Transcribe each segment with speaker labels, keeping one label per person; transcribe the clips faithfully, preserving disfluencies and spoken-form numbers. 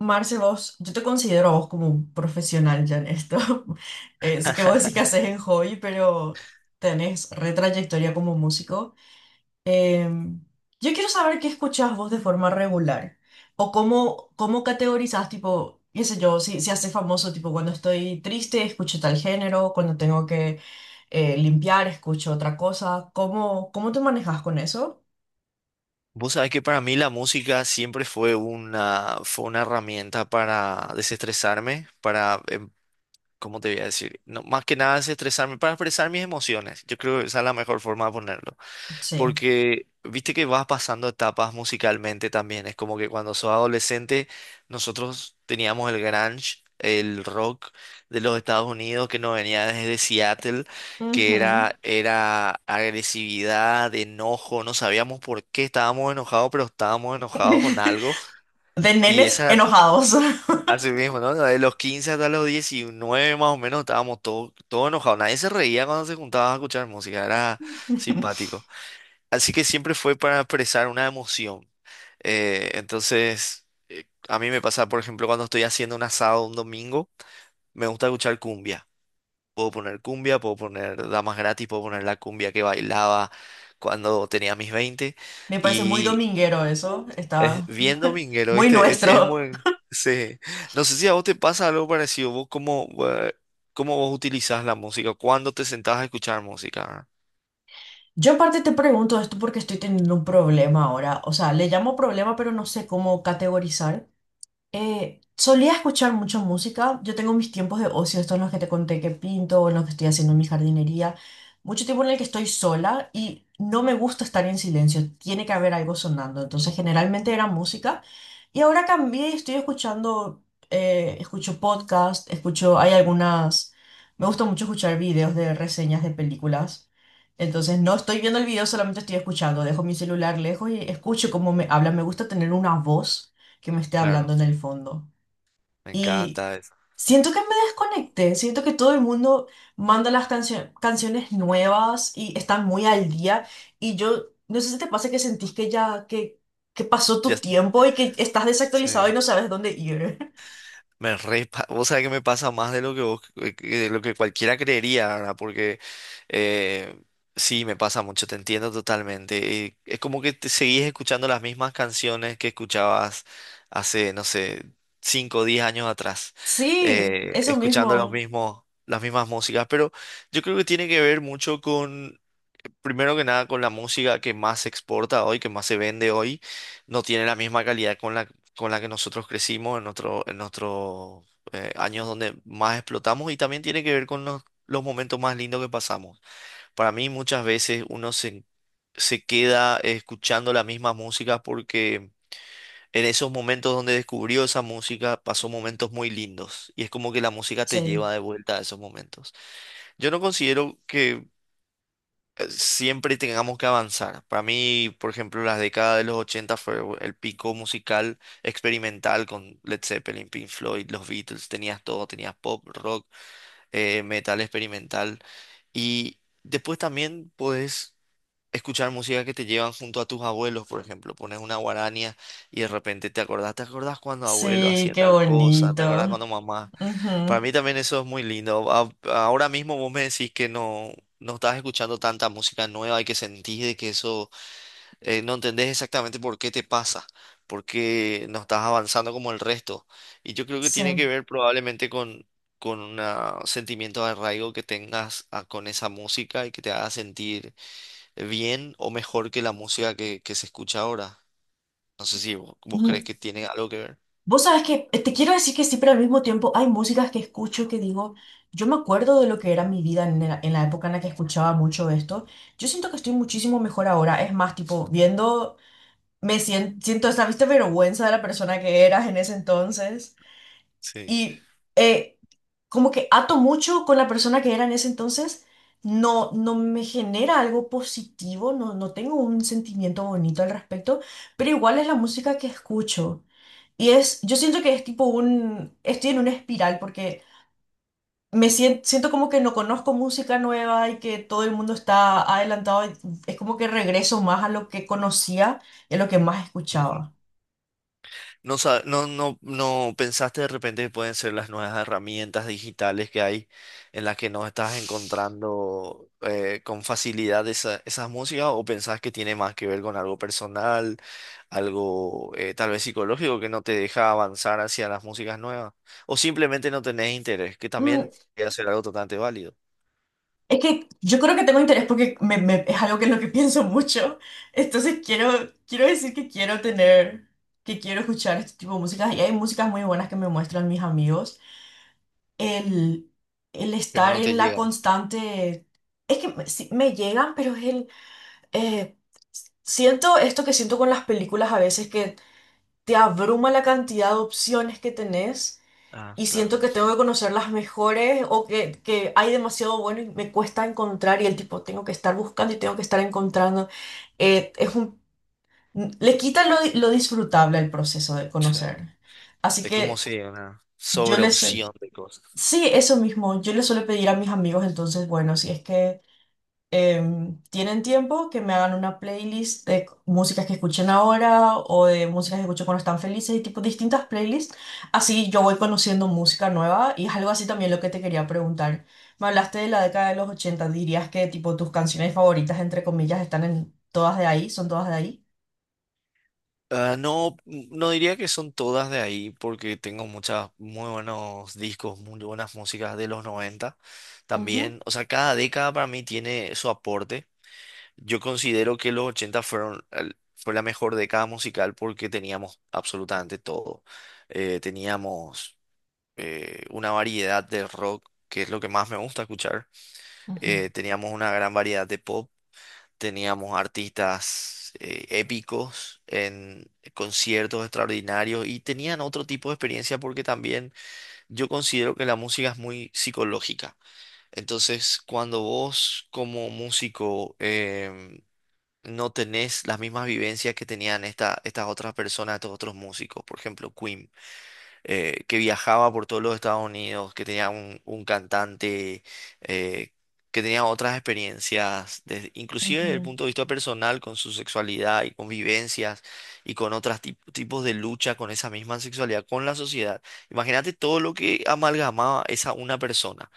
Speaker 1: Marce, vos, yo te considero a vos como un profesional ya en esto. Eh, sé que vos decís que haces en hobby, pero tenés retrayectoria como músico. Em, yo quiero saber qué escuchás vos de forma regular o cómo, cómo categorizás, tipo, qué sé yo, si, si haces famoso, tipo, cuando estoy triste escucho tal género, cuando tengo que eh, limpiar escucho otra cosa. ¿Cómo, cómo te manejas con eso?
Speaker 2: Vos sabés que para mí la música siempre fue una, fue una herramienta para desestresarme, para, em, ¿cómo te voy a decir? No, más que nada desestresarme, para expresar mis emociones. Yo creo que esa es la mejor forma de ponerlo.
Speaker 1: Sí.
Speaker 2: Porque viste que vas pasando etapas musicalmente también. Es como que cuando sos adolescente, nosotros teníamos el grunge, el rock de los Estados Unidos que nos venía desde Seattle, que
Speaker 1: Ujú.
Speaker 2: era, era agresividad, enojo. No sabíamos por qué estábamos enojados, pero estábamos enojados con algo.
Speaker 1: De
Speaker 2: Y
Speaker 1: nenes
Speaker 2: esa era
Speaker 1: enojados.
Speaker 2: así mismo, ¿no? De los quince hasta los diecinueve más o menos estábamos todos todo enojados. Nadie se reía cuando se juntaba a escuchar música. Era simpático. Así que siempre fue para expresar una emoción. Eh, entonces, eh, a mí me pasa, por ejemplo, cuando estoy haciendo un asado un domingo, me gusta escuchar cumbia. Puedo poner cumbia, puedo poner damas gratis, puedo poner la cumbia que bailaba cuando tenía mis veinte.
Speaker 1: Me parece muy
Speaker 2: Y
Speaker 1: dominguero eso,
Speaker 2: es
Speaker 1: está
Speaker 2: bien dominguero,
Speaker 1: muy
Speaker 2: ¿viste? Es, es
Speaker 1: nuestro.
Speaker 2: muy... Sí. No sé si a vos te pasa algo parecido. ¿Vos cómo, eh, Cómo vos utilizás la música? ¿Cuándo te sentás a escuchar música? ¿Verdad?
Speaker 1: Yo en parte te pregunto esto porque estoy teniendo un problema ahora. O sea, le llamo problema, pero no sé cómo categorizar. Eh, solía escuchar mucho música. Yo tengo mis tiempos de ocio, estos en los que te conté que pinto, o en los que estoy haciendo mi jardinería. Mucho tiempo en el que estoy sola y no me gusta estar en silencio. Tiene que haber algo sonando. Entonces, generalmente era música. Y ahora cambié y estoy escuchando, eh, escucho podcast, escucho, hay algunas, me gusta mucho escuchar videos de reseñas de películas. Entonces, no estoy viendo el video, solamente estoy escuchando. Dejo mi celular lejos y escucho cómo me hablan. Me gusta tener una voz que me esté
Speaker 2: Claro,
Speaker 1: hablando en el fondo.
Speaker 2: me
Speaker 1: Y
Speaker 2: encanta eso.
Speaker 1: siento que me desconecté, siento que todo el mundo manda las cancio- canciones nuevas y están muy al día. Y yo, no sé si te pasa que sentís que ya, que, que pasó
Speaker 2: Ya,
Speaker 1: tu tiempo y que estás
Speaker 2: sí.
Speaker 1: desactualizado y no sabes dónde ir.
Speaker 2: Me re pa- vos sabés que me pasa más de lo que vos, eh, que- de lo que cualquiera creería, ¿verdad? Porque eh, sí, me pasa mucho, te entiendo totalmente. Y es como que te seguís escuchando las mismas canciones que escuchabas hace, no sé, cinco o diez años atrás,
Speaker 1: Sí,
Speaker 2: eh,
Speaker 1: eso
Speaker 2: escuchando los
Speaker 1: mismo.
Speaker 2: mismos, las mismas músicas, pero yo creo que tiene que ver mucho primero que nada, con la música que más se exporta hoy, que más se vende hoy, no tiene la misma calidad con la, con la que nosotros crecimos en nuestro, en nuestros eh, años donde más explotamos y también tiene que ver con los, los momentos más lindos que pasamos. Para mí muchas veces uno se, se queda escuchando la misma música porque... En esos momentos donde descubrió esa música, pasó momentos muy lindos y es como que la música te
Speaker 1: Sí,
Speaker 2: lleva de vuelta a esos momentos. Yo no considero que eh, siempre tengamos que avanzar. Para mí, por ejemplo, las décadas de los ochenta fue el pico musical experimental con Led Zeppelin, Pink Floyd, los Beatles, tenías todo, tenías pop, rock, eh, metal experimental. Y después también puedes escuchar música que te llevan junto a tus abuelos, por ejemplo. Pones una guarania y de repente te acordás, ¿te acordás cuando abuelo
Speaker 1: sí,
Speaker 2: hacía
Speaker 1: qué
Speaker 2: tal cosa? ¿Te acordás
Speaker 1: bonito.
Speaker 2: cuando mamá? Para
Speaker 1: Ujú,
Speaker 2: mí también eso es muy lindo. A- Ahora mismo vos me decís que no, no estás escuchando tanta música nueva y que sentís de que eso eh, no entendés exactamente por qué te pasa, por qué no estás avanzando como el resto. Y yo creo que
Speaker 1: Sí.
Speaker 2: tiene que ver probablemente con, con una- un sentimiento de arraigo que tengas a- con esa música y que te haga sentir bien o mejor que la música que, que se escucha ahora. No sé si vos, vos crees que tiene algo que ver.
Speaker 1: Vos sabés que eh, te quiero decir que sí, pero al mismo tiempo hay músicas que escucho que digo, yo me acuerdo de lo que era mi vida en la, en la época en la que escuchaba mucho esto. Yo siento que estoy muchísimo mejor ahora. Es más, tipo, viendo, me siento, siento esa, ¿viste? Vergüenza de la persona que eras en ese entonces.
Speaker 2: Sí.
Speaker 1: Y eh, como que ato mucho con la persona que era en ese entonces, no, no me genera algo positivo, no, no tengo un sentimiento bonito al respecto, pero igual es la música que escucho. Y es, yo siento que es tipo un, estoy en una espiral porque me siento, siento como que no conozco música nueva y que todo el mundo está adelantado. y Es como que regreso más a lo que conocía y a lo que más escuchaba.
Speaker 2: No, sa- no, no, no pensaste de repente que pueden ser las nuevas herramientas digitales que hay en las que no estás encontrando eh, con facilidad esa- esas músicas o pensás que tiene más que ver con algo personal, algo eh, tal vez psicológico que no te deja avanzar hacia las músicas nuevas o simplemente no tenés interés, que también puede ser algo totalmente válido,
Speaker 1: Es que yo creo que tengo interés porque me- me- es algo que es lo que pienso mucho. Entonces quiero, quiero decir que quiero tener, que quiero escuchar este tipo de músicas. Y hay músicas muy buenas que me muestran mis amigos. El, el
Speaker 2: pero
Speaker 1: estar
Speaker 2: no
Speaker 1: en
Speaker 2: te
Speaker 1: la
Speaker 2: llegan.
Speaker 1: constante... Es que me, sí, me llegan, pero es el... eh, siento esto que siento con las películas a veces, que te abruma la cantidad de opciones que tenés
Speaker 2: Ah,
Speaker 1: y siento
Speaker 2: claro.
Speaker 1: que tengo que conocer las mejores o que, que hay demasiado bueno y me cuesta encontrar y el tipo tengo que estar buscando y tengo que estar encontrando. Eh, es un, le quita lo, lo disfrutable al proceso de
Speaker 2: Sí.
Speaker 1: conocer. Así
Speaker 2: Es como
Speaker 1: que
Speaker 2: si una
Speaker 1: yo les...
Speaker 2: sobreopción de cosas.
Speaker 1: Sí, eso mismo. Yo le suelo pedir a mis amigos entonces, bueno, si es que em, tienen tiempo que me hagan una playlist de c- músicas que escuchen ahora o de músicas que escucho cuando están felices y tipo distintas playlists. Así yo voy conociendo música nueva y es algo así también lo que te quería preguntar. Me hablaste de la década de los ochenta. Dirías que tipo tus canciones favoritas, entre comillas, están en todas de ahí, son todas de ahí.
Speaker 2: Ah, no, no diría que son todas de ahí, porque tengo muchas muy buenos discos, muy buenas músicas de los noventa
Speaker 1: Ujú,
Speaker 2: también. O sea, cada década para mí tiene su aporte. Yo considero que los ochenta fueron, el- fue la mejor década musical porque teníamos absolutamente todo. Eh, teníamos eh, una variedad de rock, que es lo que más me gusta escuchar.
Speaker 1: ujú.
Speaker 2: Eh, teníamos una gran variedad de pop. Teníamos artistas eh, épicos en conciertos extraordinarios y tenían otro tipo de experiencia porque también yo considero que la música es muy psicológica. Entonces, cuando vos como músico em, no tenés las mismas vivencias que tenían esta- estas otras personas, estos otros músicos, por ejemplo, Queen, eh, que viajaba por todos los Estados Unidos, que tenía un, un cantante, eh, que tenía otras experiencias, desde- inclusive desde el
Speaker 1: Ujú.
Speaker 2: punto de vista personal, con su sexualidad y con vivencias y con otros tipos de lucha con esa misma sexualidad, con la sociedad. Imagínate todo lo que amalgamaba esa una persona.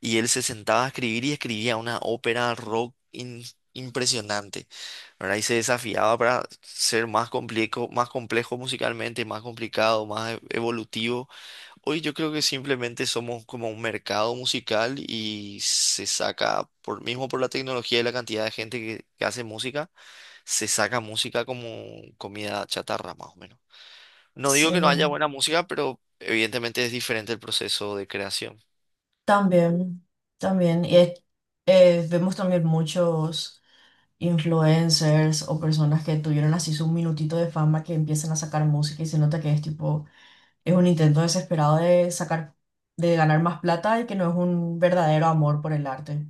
Speaker 2: Y él se sentaba a escribir y escribía una ópera rock in- impresionante, ¿verdad? Y se desafiaba para ser más complejo, más complejo musicalmente, más complicado, más e- evolutivo. Hoy yo creo que simplemente somos como un mercado musical y se saca, por, mismo por la tecnología y la cantidad de gente que, que hace música, se saca música como comida chatarra, más o menos. No digo que no
Speaker 1: Sí,
Speaker 2: haya buena música, pero evidentemente es diferente el proceso de creación.
Speaker 1: también, también. Y eh, eh, vemos también muchos. Influencers o personas que tuvieron así su minutito de fama que empiezan a sacar música y se nota que es tipo, es un intento desesperado de sacar, de ganar más plata y que no es un verdadero amor por el arte.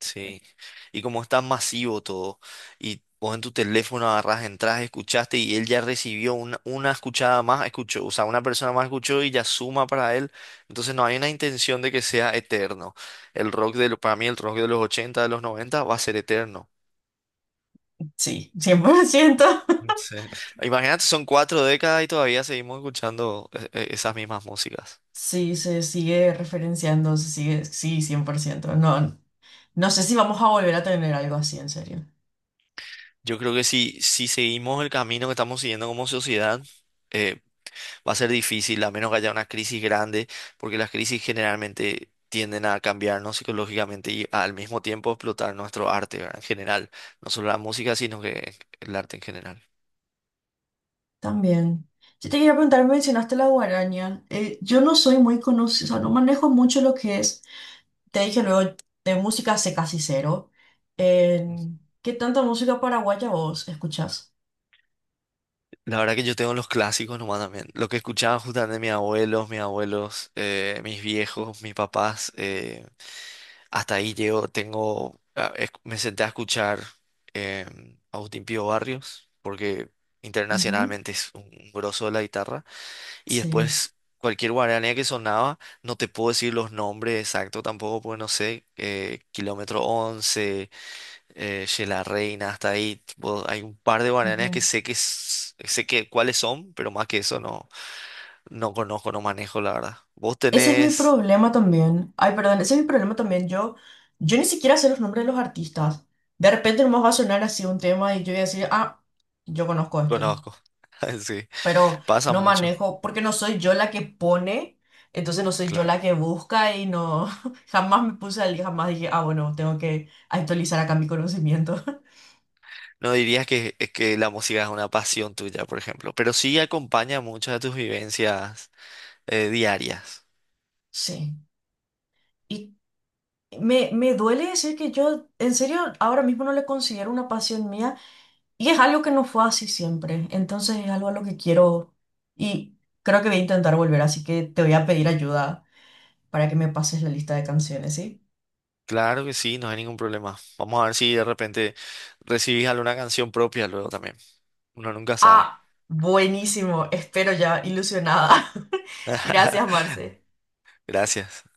Speaker 2: Sí, y como es tan masivo todo, y vos en tu teléfono agarrás, entras, escuchaste y él ya recibió una, una escuchada más, escuchó, o sea, una persona más escuchó y ya suma para él, entonces no hay una intención de que sea eterno. El rock de, lo- Para mí el rock de los ochenta de los noventa va a ser eterno.
Speaker 1: Sí, cien por ciento.
Speaker 2: Sí. Imagínate, son cuatro décadas y todavía seguimos escuchando eh, eh, esas mismas músicas.
Speaker 1: Sí, se sigue referenciando, se sigue, sí, cien por ciento. No, no sé si vamos a volver a tener algo así, en serio.
Speaker 2: Yo creo que si, si seguimos el camino que estamos siguiendo como sociedad, eh, va a ser difícil, a menos que haya una crisis grande, porque las crisis generalmente tienden a cambiarnos psicológicamente y al mismo tiempo explotar nuestro arte, ¿verdad? En general, no solo la música, sino que el arte en general.
Speaker 1: También. Yo te quería preguntar, mencionaste la guaraña. Eh, yo no soy muy conocida, o sea, no manejo mucho lo que es, te dije luego, de música sé casi cero. En- ¿qué tanta música paraguaya vos escuchás?
Speaker 2: La verdad que yo tengo los clásicos nomás también. Lo que escuchaba justamente mis abuelos, mis abuelos, eh, mis viejos, mis papás. eh, hasta ahí llego, tengo, ah, es- me senté a escuchar eh, Agustín Pío Barrios, porque
Speaker 1: Ujú,
Speaker 2: internacionalmente es un, un grosso de la guitarra. Y
Speaker 1: Sí.
Speaker 2: después cualquier guaranía que sonaba, no te puedo decir los nombres exactos tampoco, pues no sé, eh, Kilómetro once, eh, Ye La Reina, hasta ahí. Tipo, hay un par de guaranías que
Speaker 1: Ujú.
Speaker 2: sé que s- sé que cuáles son, pero más que eso no, no conozco, no manejo, la verdad. Vos
Speaker 1: Ese es mi
Speaker 2: tenés,
Speaker 1: problema también. Ay, perdón, ese es mi problema también. Yo, yo ni siquiera sé los nombres de los artistas. De repente nomás va a sonar así un tema y yo voy a decir, ah, yo conozco este.
Speaker 2: conozco. Sí,
Speaker 1: Pero
Speaker 2: pasa
Speaker 1: no
Speaker 2: mucho.
Speaker 1: manejo, porque no soy yo la que pone, entonces no soy yo
Speaker 2: Claro.
Speaker 1: la que busca y no, jamás me puse al día, jamás dije, ah, bueno, tengo que actualizar acá mi conocimiento.
Speaker 2: No dirías que, es que la música es una pasión tuya, por ejemplo, pero sí acompaña muchas de tus vivencias eh, diarias.
Speaker 1: Sí, y me, me duele decir que yo, en serio, ahora mismo no le considero una pasión mía y es algo que no fue así siempre, entonces es algo a lo que quiero y creo que voy a intentar volver, así que te voy a pedir ayuda para que me pases la lista de canciones, ¿sí?
Speaker 2: Claro que sí, no hay ningún problema. Vamos a ver si de repente recibís alguna canción propia luego también. Uno nunca sabe.
Speaker 1: Ah, buenísimo, espero ya, ilusionada. Gracias, Marce.
Speaker 2: Gracias.